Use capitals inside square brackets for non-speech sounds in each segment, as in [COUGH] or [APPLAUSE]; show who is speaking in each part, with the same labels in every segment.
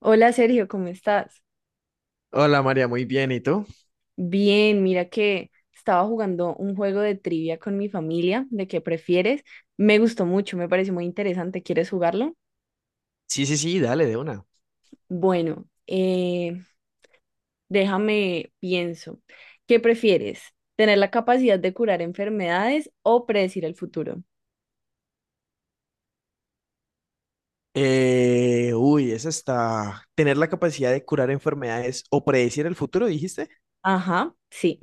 Speaker 1: Hola Sergio, ¿cómo estás?
Speaker 2: Hola María, muy bien. ¿Y tú?
Speaker 1: Bien, mira que estaba jugando un juego de trivia con mi familia, de qué prefieres. Me gustó mucho, me pareció muy interesante. ¿Quieres jugarlo?
Speaker 2: Sí, sí, sí, dale de una.
Speaker 1: Bueno, déjame pienso. ¿Qué prefieres? ¿Tener la capacidad de curar enfermedades o predecir el futuro?
Speaker 2: Uy, esa está. ¿Tener la capacidad de curar enfermedades o predecir el futuro, dijiste?
Speaker 1: Ajá, sí,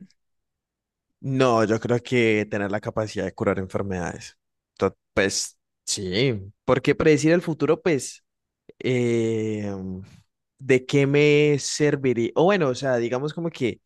Speaker 2: No, yo creo que tener la capacidad de curar enfermedades. Pues sí, porque predecir el futuro, pues, eh, ¿de qué me serviría? O bueno, o sea, digamos como que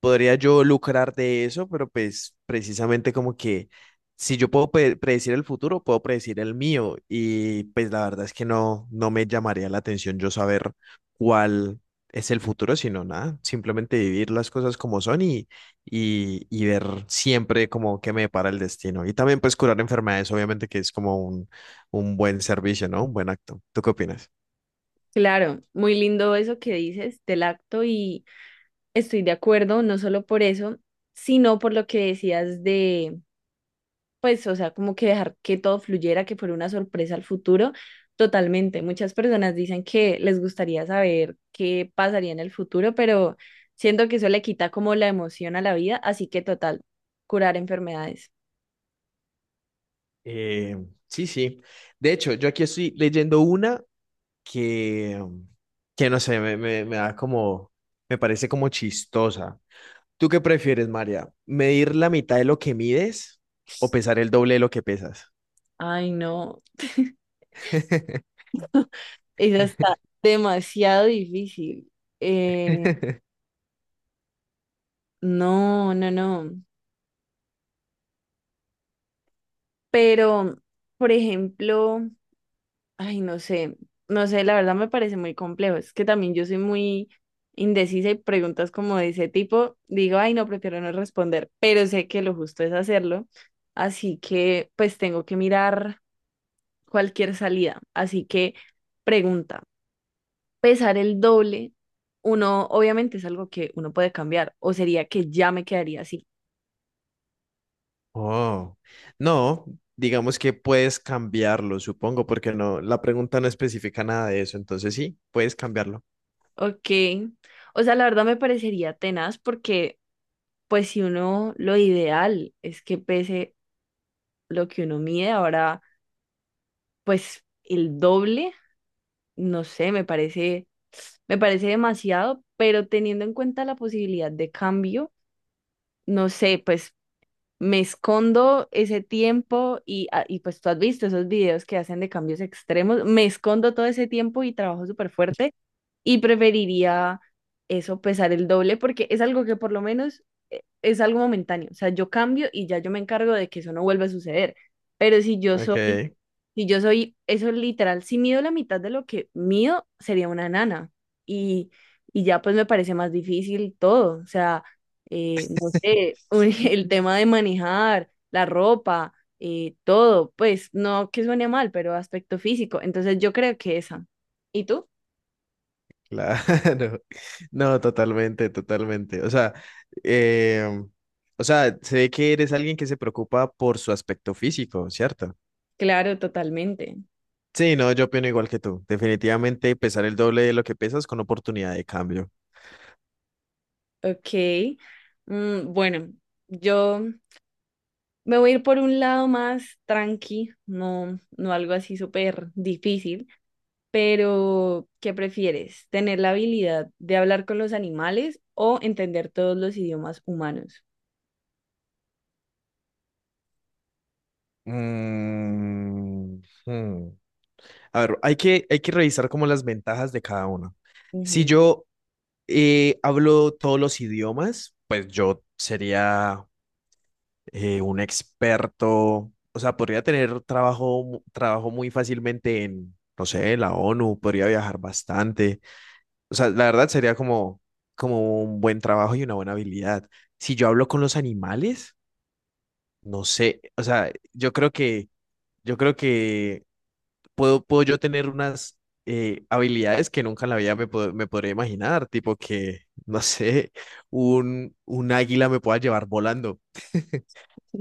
Speaker 2: podría yo lucrar de eso, pero pues precisamente como que si yo puedo predecir el futuro, puedo predecir el mío y pues la verdad es que no, no me llamaría la atención yo saber cuál es el futuro, sino nada, simplemente vivir las cosas como son y ver siempre como qué me depara el destino. Y también pues curar enfermedades, obviamente que es como un buen servicio, ¿no? Un buen acto. ¿Tú qué opinas?
Speaker 1: claro, muy lindo eso que dices del acto y estoy de acuerdo, no solo por eso, sino por lo que decías pues, o sea, como que dejar que todo fluyera, que fuera una sorpresa al futuro. Totalmente. Muchas personas dicen que les gustaría saber qué pasaría en el futuro, pero siento que eso le quita como la emoción a la vida, así que total, curar enfermedades.
Speaker 2: Eh, sí, sí. De hecho, yo aquí estoy leyendo una que, que no sé, me da me parece como chistosa. ¿Tú qué prefieres, María? ¿Medir la mitad de lo que mides o pesar el doble de lo que pesas?
Speaker 1: Ay, no,
Speaker 2: [LAUGHS]
Speaker 1: eso está demasiado difícil. Eh, no, no, no. Pero, por ejemplo, ay, no sé, no sé, la verdad me parece muy complejo. Es que también yo soy muy indecisa y preguntas como de ese tipo, digo, ay, no, prefiero no responder, pero sé que lo justo es hacerlo, así que pues tengo que mirar cualquier salida. Así que pregunta, ¿pesar el doble? Uno, obviamente es algo que uno puede cambiar, o sería que ya me quedaría así.
Speaker 2: Oh, no, digamos que puedes cambiarlo, supongo, porque no, la pregunta no especifica nada de eso, entonces sí, puedes cambiarlo.
Speaker 1: Ok, o sea, la verdad me parecería tenaz porque pues si uno, lo ideal es que pese lo que uno mide, ahora pues el doble, no sé, me parece demasiado, pero teniendo en cuenta la posibilidad de cambio, no sé, pues me escondo ese tiempo y, ah, y pues tú has visto esos videos que hacen de cambios extremos, me escondo todo ese tiempo y trabajo súper fuerte y preferiría eso, pesar el doble, porque es algo que por lo menos es algo momentáneo, o sea, yo cambio y ya yo me encargo de que eso no vuelva a suceder. Pero si yo
Speaker 2: Ok,
Speaker 1: soy Si yo soy, eso es literal, si mido la mitad de lo que mido, sería una nana. Y, y ya pues me parece más difícil todo. O sea, no sé, [LAUGHS] el tema de manejar, la ropa, todo, pues no que suene mal, pero aspecto físico. Entonces yo creo que esa. ¿Y tú?
Speaker 2: claro. [LAUGHS] No, totalmente, totalmente. Eh, o sea, se ve que eres alguien que se preocupa por su aspecto físico, ¿cierto?
Speaker 1: Claro, totalmente.
Speaker 2: Sí, no, yo opino igual que tú. Definitivamente pesar el doble de lo que pesas con oportunidad de cambio.
Speaker 1: Ok. Mm, bueno, yo me voy a ir por un lado más tranqui, no, no algo así súper difícil. Pero, ¿qué prefieres? ¿Tener la habilidad de hablar con los animales o entender todos los idiomas humanos?
Speaker 2: Mm, hmm. A ver, hay que revisar como las ventajas de cada uno. Si yo hablo todos los idiomas, pues yo sería un experto, o sea, podría tener trabajo, trabajo muy fácilmente en, no sé, la ONU, podría viajar bastante. O sea, la verdad sería como, como un buen trabajo y una buena habilidad. Si yo hablo con los animales, no sé. O sea, yo creo que puedo yo tener unas habilidades que nunca en la vida me, me podría imaginar. Tipo que, no sé, un águila me pueda llevar volando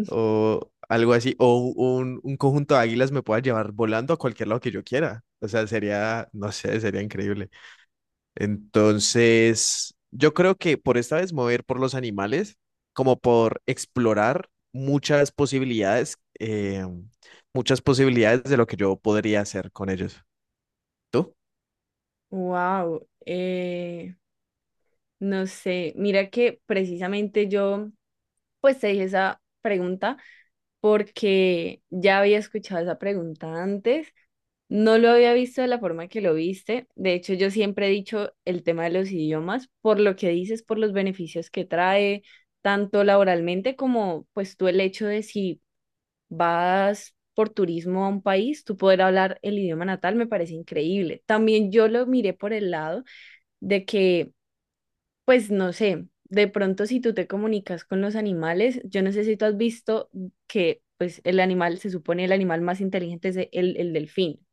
Speaker 2: o algo así. O un conjunto de águilas me pueda llevar volando a cualquier lado que yo quiera. O sea, sería, no sé, sería increíble. Entonces, yo creo que por esta vez mover por los animales, como por explorar muchas posibilidades de lo que yo podría hacer con ellos. ¿Tú?
Speaker 1: Wow, no sé, mira que precisamente yo pues te dije esa pregunta porque ya había escuchado esa pregunta antes, no lo había visto de la forma que lo viste, de hecho yo siempre he dicho el tema de los idiomas por lo que dices, por los beneficios que trae, tanto laboralmente como pues tú el hecho de si vas por turismo a un país, tú poder hablar el idioma natal me parece increíble. También yo lo miré por el lado de que, pues no sé, de pronto si tú te comunicas con los animales, yo no sé si tú has visto que pues el animal, se supone el animal más inteligente es el delfín.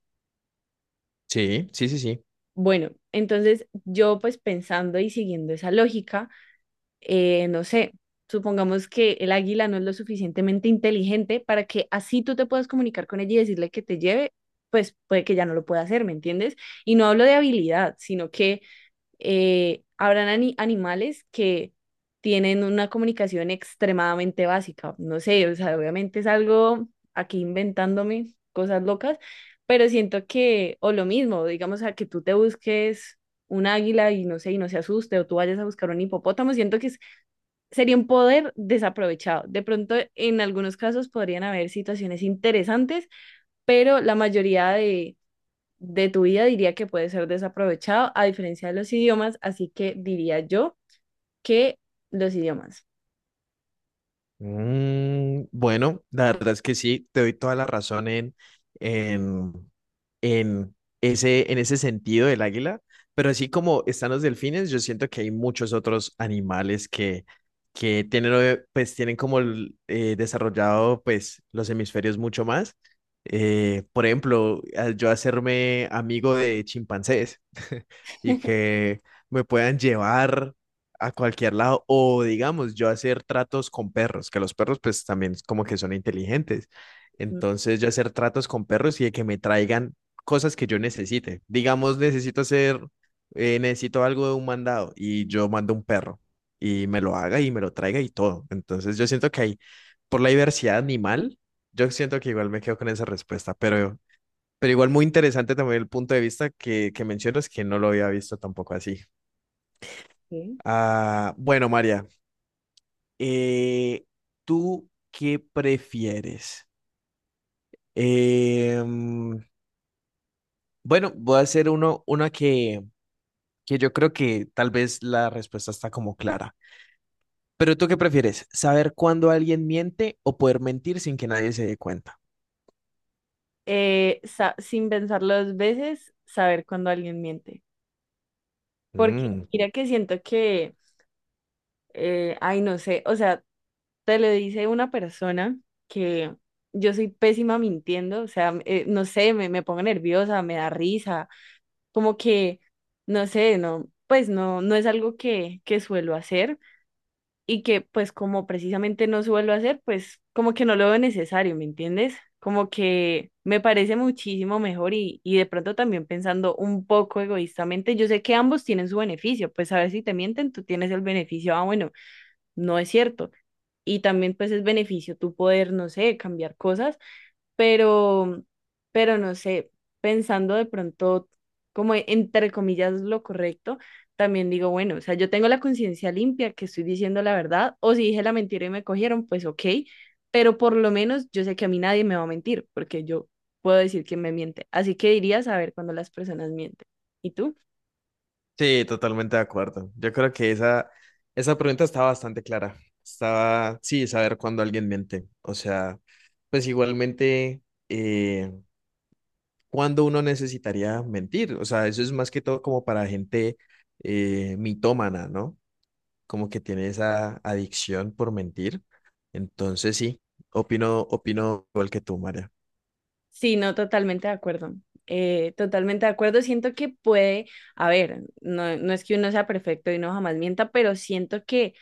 Speaker 2: Sí, sí, sí, sí.
Speaker 1: Bueno, entonces yo pues pensando y siguiendo esa lógica, no sé, supongamos que el águila no es lo suficientemente inteligente para que así tú te puedas comunicar con ella y decirle que te lleve, pues puede que ya no lo pueda hacer, ¿me entiendes? Y no hablo de habilidad, sino que habrán animales que tienen una comunicación extremadamente básica, no sé, o sea, obviamente es algo aquí inventándome cosas locas, pero siento que, o lo mismo, digamos, a que tú te busques un águila y no sé, y no se asuste, o tú vayas a buscar un hipopótamo, siento que sería un poder desaprovechado. De pronto, en algunos casos podrían haber situaciones interesantes, pero la mayoría de tu vida diría que puede ser desaprovechado, a diferencia de los idiomas, así que diría yo que los idiomas.
Speaker 2: Mm, bueno, la verdad es que sí, te doy toda la razón en en en ese sentido del águila, pero así como están los delfines, yo siento que hay muchos otros animales que tienen, pues, tienen como el, desarrollado pues, los hemisferios mucho más. Por ejemplo, al yo hacerme amigo de chimpancés [LAUGHS] y que me puedan llevar a cualquier lado, o digamos, yo hacer tratos con perros, que los perros pues también es como que son inteligentes. Entonces yo hacer tratos con perros y de que me traigan cosas que yo necesite. Digamos, necesito hacer, necesito algo de un mandado y yo mando un perro y me lo haga y me lo traiga y todo. Entonces yo siento que hay, por la diversidad animal, yo siento que igual me quedo con esa respuesta, pero igual muy interesante también el punto de vista que mencionas que no lo había visto tampoco así.
Speaker 1: Ok.
Speaker 2: Ah, bueno, María, eh, ¿tú qué prefieres? Eh, bueno, voy a hacer una que yo creo que tal vez la respuesta está como clara. Pero ¿tú qué prefieres? ¿Saber cuándo alguien miente o poder mentir sin que nadie se dé cuenta?
Speaker 1: Sin pensarlo dos veces, saber cuando alguien miente. Porque
Speaker 2: Mm,
Speaker 1: mira que siento que, ay, no sé, o sea, te lo dice una persona que yo soy pésima mintiendo, o sea, no sé, me pongo nerviosa, me da risa, como que, no sé, no, pues no, no es algo que suelo hacer y que pues como precisamente no suelo hacer, pues como que no lo veo necesario, ¿me entiendes? Como que me parece muchísimo mejor y de pronto también pensando un poco egoístamente, yo sé que ambos tienen su beneficio, pues a ver si te mienten, tú tienes el beneficio, ah, bueno no es cierto. Y también pues es beneficio tu poder, no sé, cambiar cosas, pero, pero no sé, pensando de pronto como entre comillas lo correcto, también digo, bueno, o sea, yo tengo la conciencia limpia que estoy diciendo la verdad, o si dije la mentira y me cogieron, pues ok, pero por lo menos yo sé que a mí nadie me va a mentir, porque yo puedo decir que me miente. Así que diría saber cuando las personas mienten. ¿Y tú?
Speaker 2: sí, totalmente de acuerdo. Yo creo que esa pregunta estaba bastante clara. Estaba, sí, saber cuándo alguien miente. O sea, pues igualmente, eh, ¿cuándo uno necesitaría mentir? O sea, eso es más que todo como para gente mitómana, ¿no? Como que tiene esa adicción por mentir. Entonces sí, opino igual que tú, María.
Speaker 1: Sí, no, totalmente de acuerdo. Totalmente de acuerdo. Siento que puede, a ver, no, no es que uno sea perfecto y no jamás mienta, pero siento que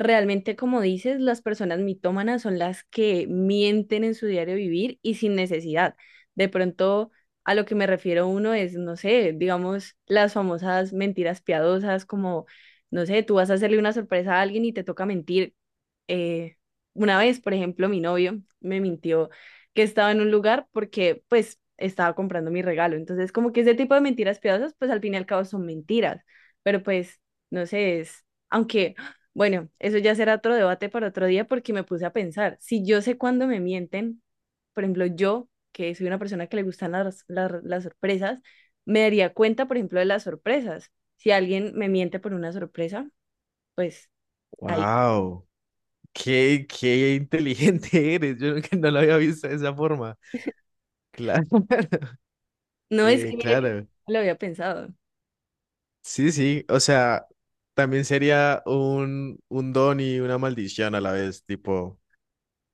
Speaker 1: realmente, como dices, las personas mitómanas son las que mienten en su diario vivir y sin necesidad. De pronto, a lo que me refiero uno es, no sé, digamos, las famosas mentiras piadosas, como, no sé, tú vas a hacerle una sorpresa a alguien y te toca mentir. Eh, una vez, por ejemplo, mi novio me mintió que estaba en un lugar porque, pues, estaba comprando mi regalo. Entonces, como que ese tipo de mentiras piadosas, pues, al fin y al cabo son mentiras. Pero, pues, no sé, es, aunque... Bueno, eso ya será otro debate para otro día porque me puse a pensar, si yo sé cuándo me mienten, por ejemplo, yo, que soy una persona que le gustan las sorpresas, me daría cuenta, por ejemplo, de las sorpresas. Si alguien me miente por una sorpresa, pues ahí.
Speaker 2: Wow, qué inteligente [LAUGHS] eres. Yo nunca no lo había visto de esa forma. Claro,
Speaker 1: No es que mira que
Speaker 2: claro.
Speaker 1: no lo había pensado.
Speaker 2: Sí, sí. O sea, también sería un don y una maldición a la vez. Tipo,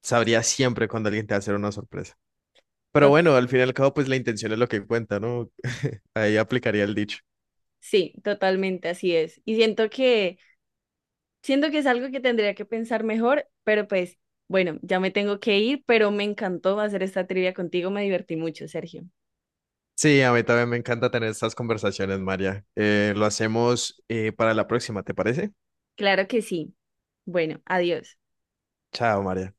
Speaker 2: sabría siempre cuando alguien te va a hacer una sorpresa. Pero
Speaker 1: Tot-
Speaker 2: bueno, al fin y al cabo, pues la intención es lo que cuenta, ¿no? Ahí aplicaría el dicho.
Speaker 1: sí, totalmente así es. Y siento que es algo que tendría que pensar mejor, pero pues bueno, ya me tengo que ir, pero me encantó hacer esta trivia contigo, me divertí mucho, Sergio.
Speaker 2: Sí, a mí también me encanta tener estas conversaciones, María. Lo hacemos para la próxima, ¿te parece?
Speaker 1: Claro que sí. Bueno, adiós.
Speaker 2: Chao, María.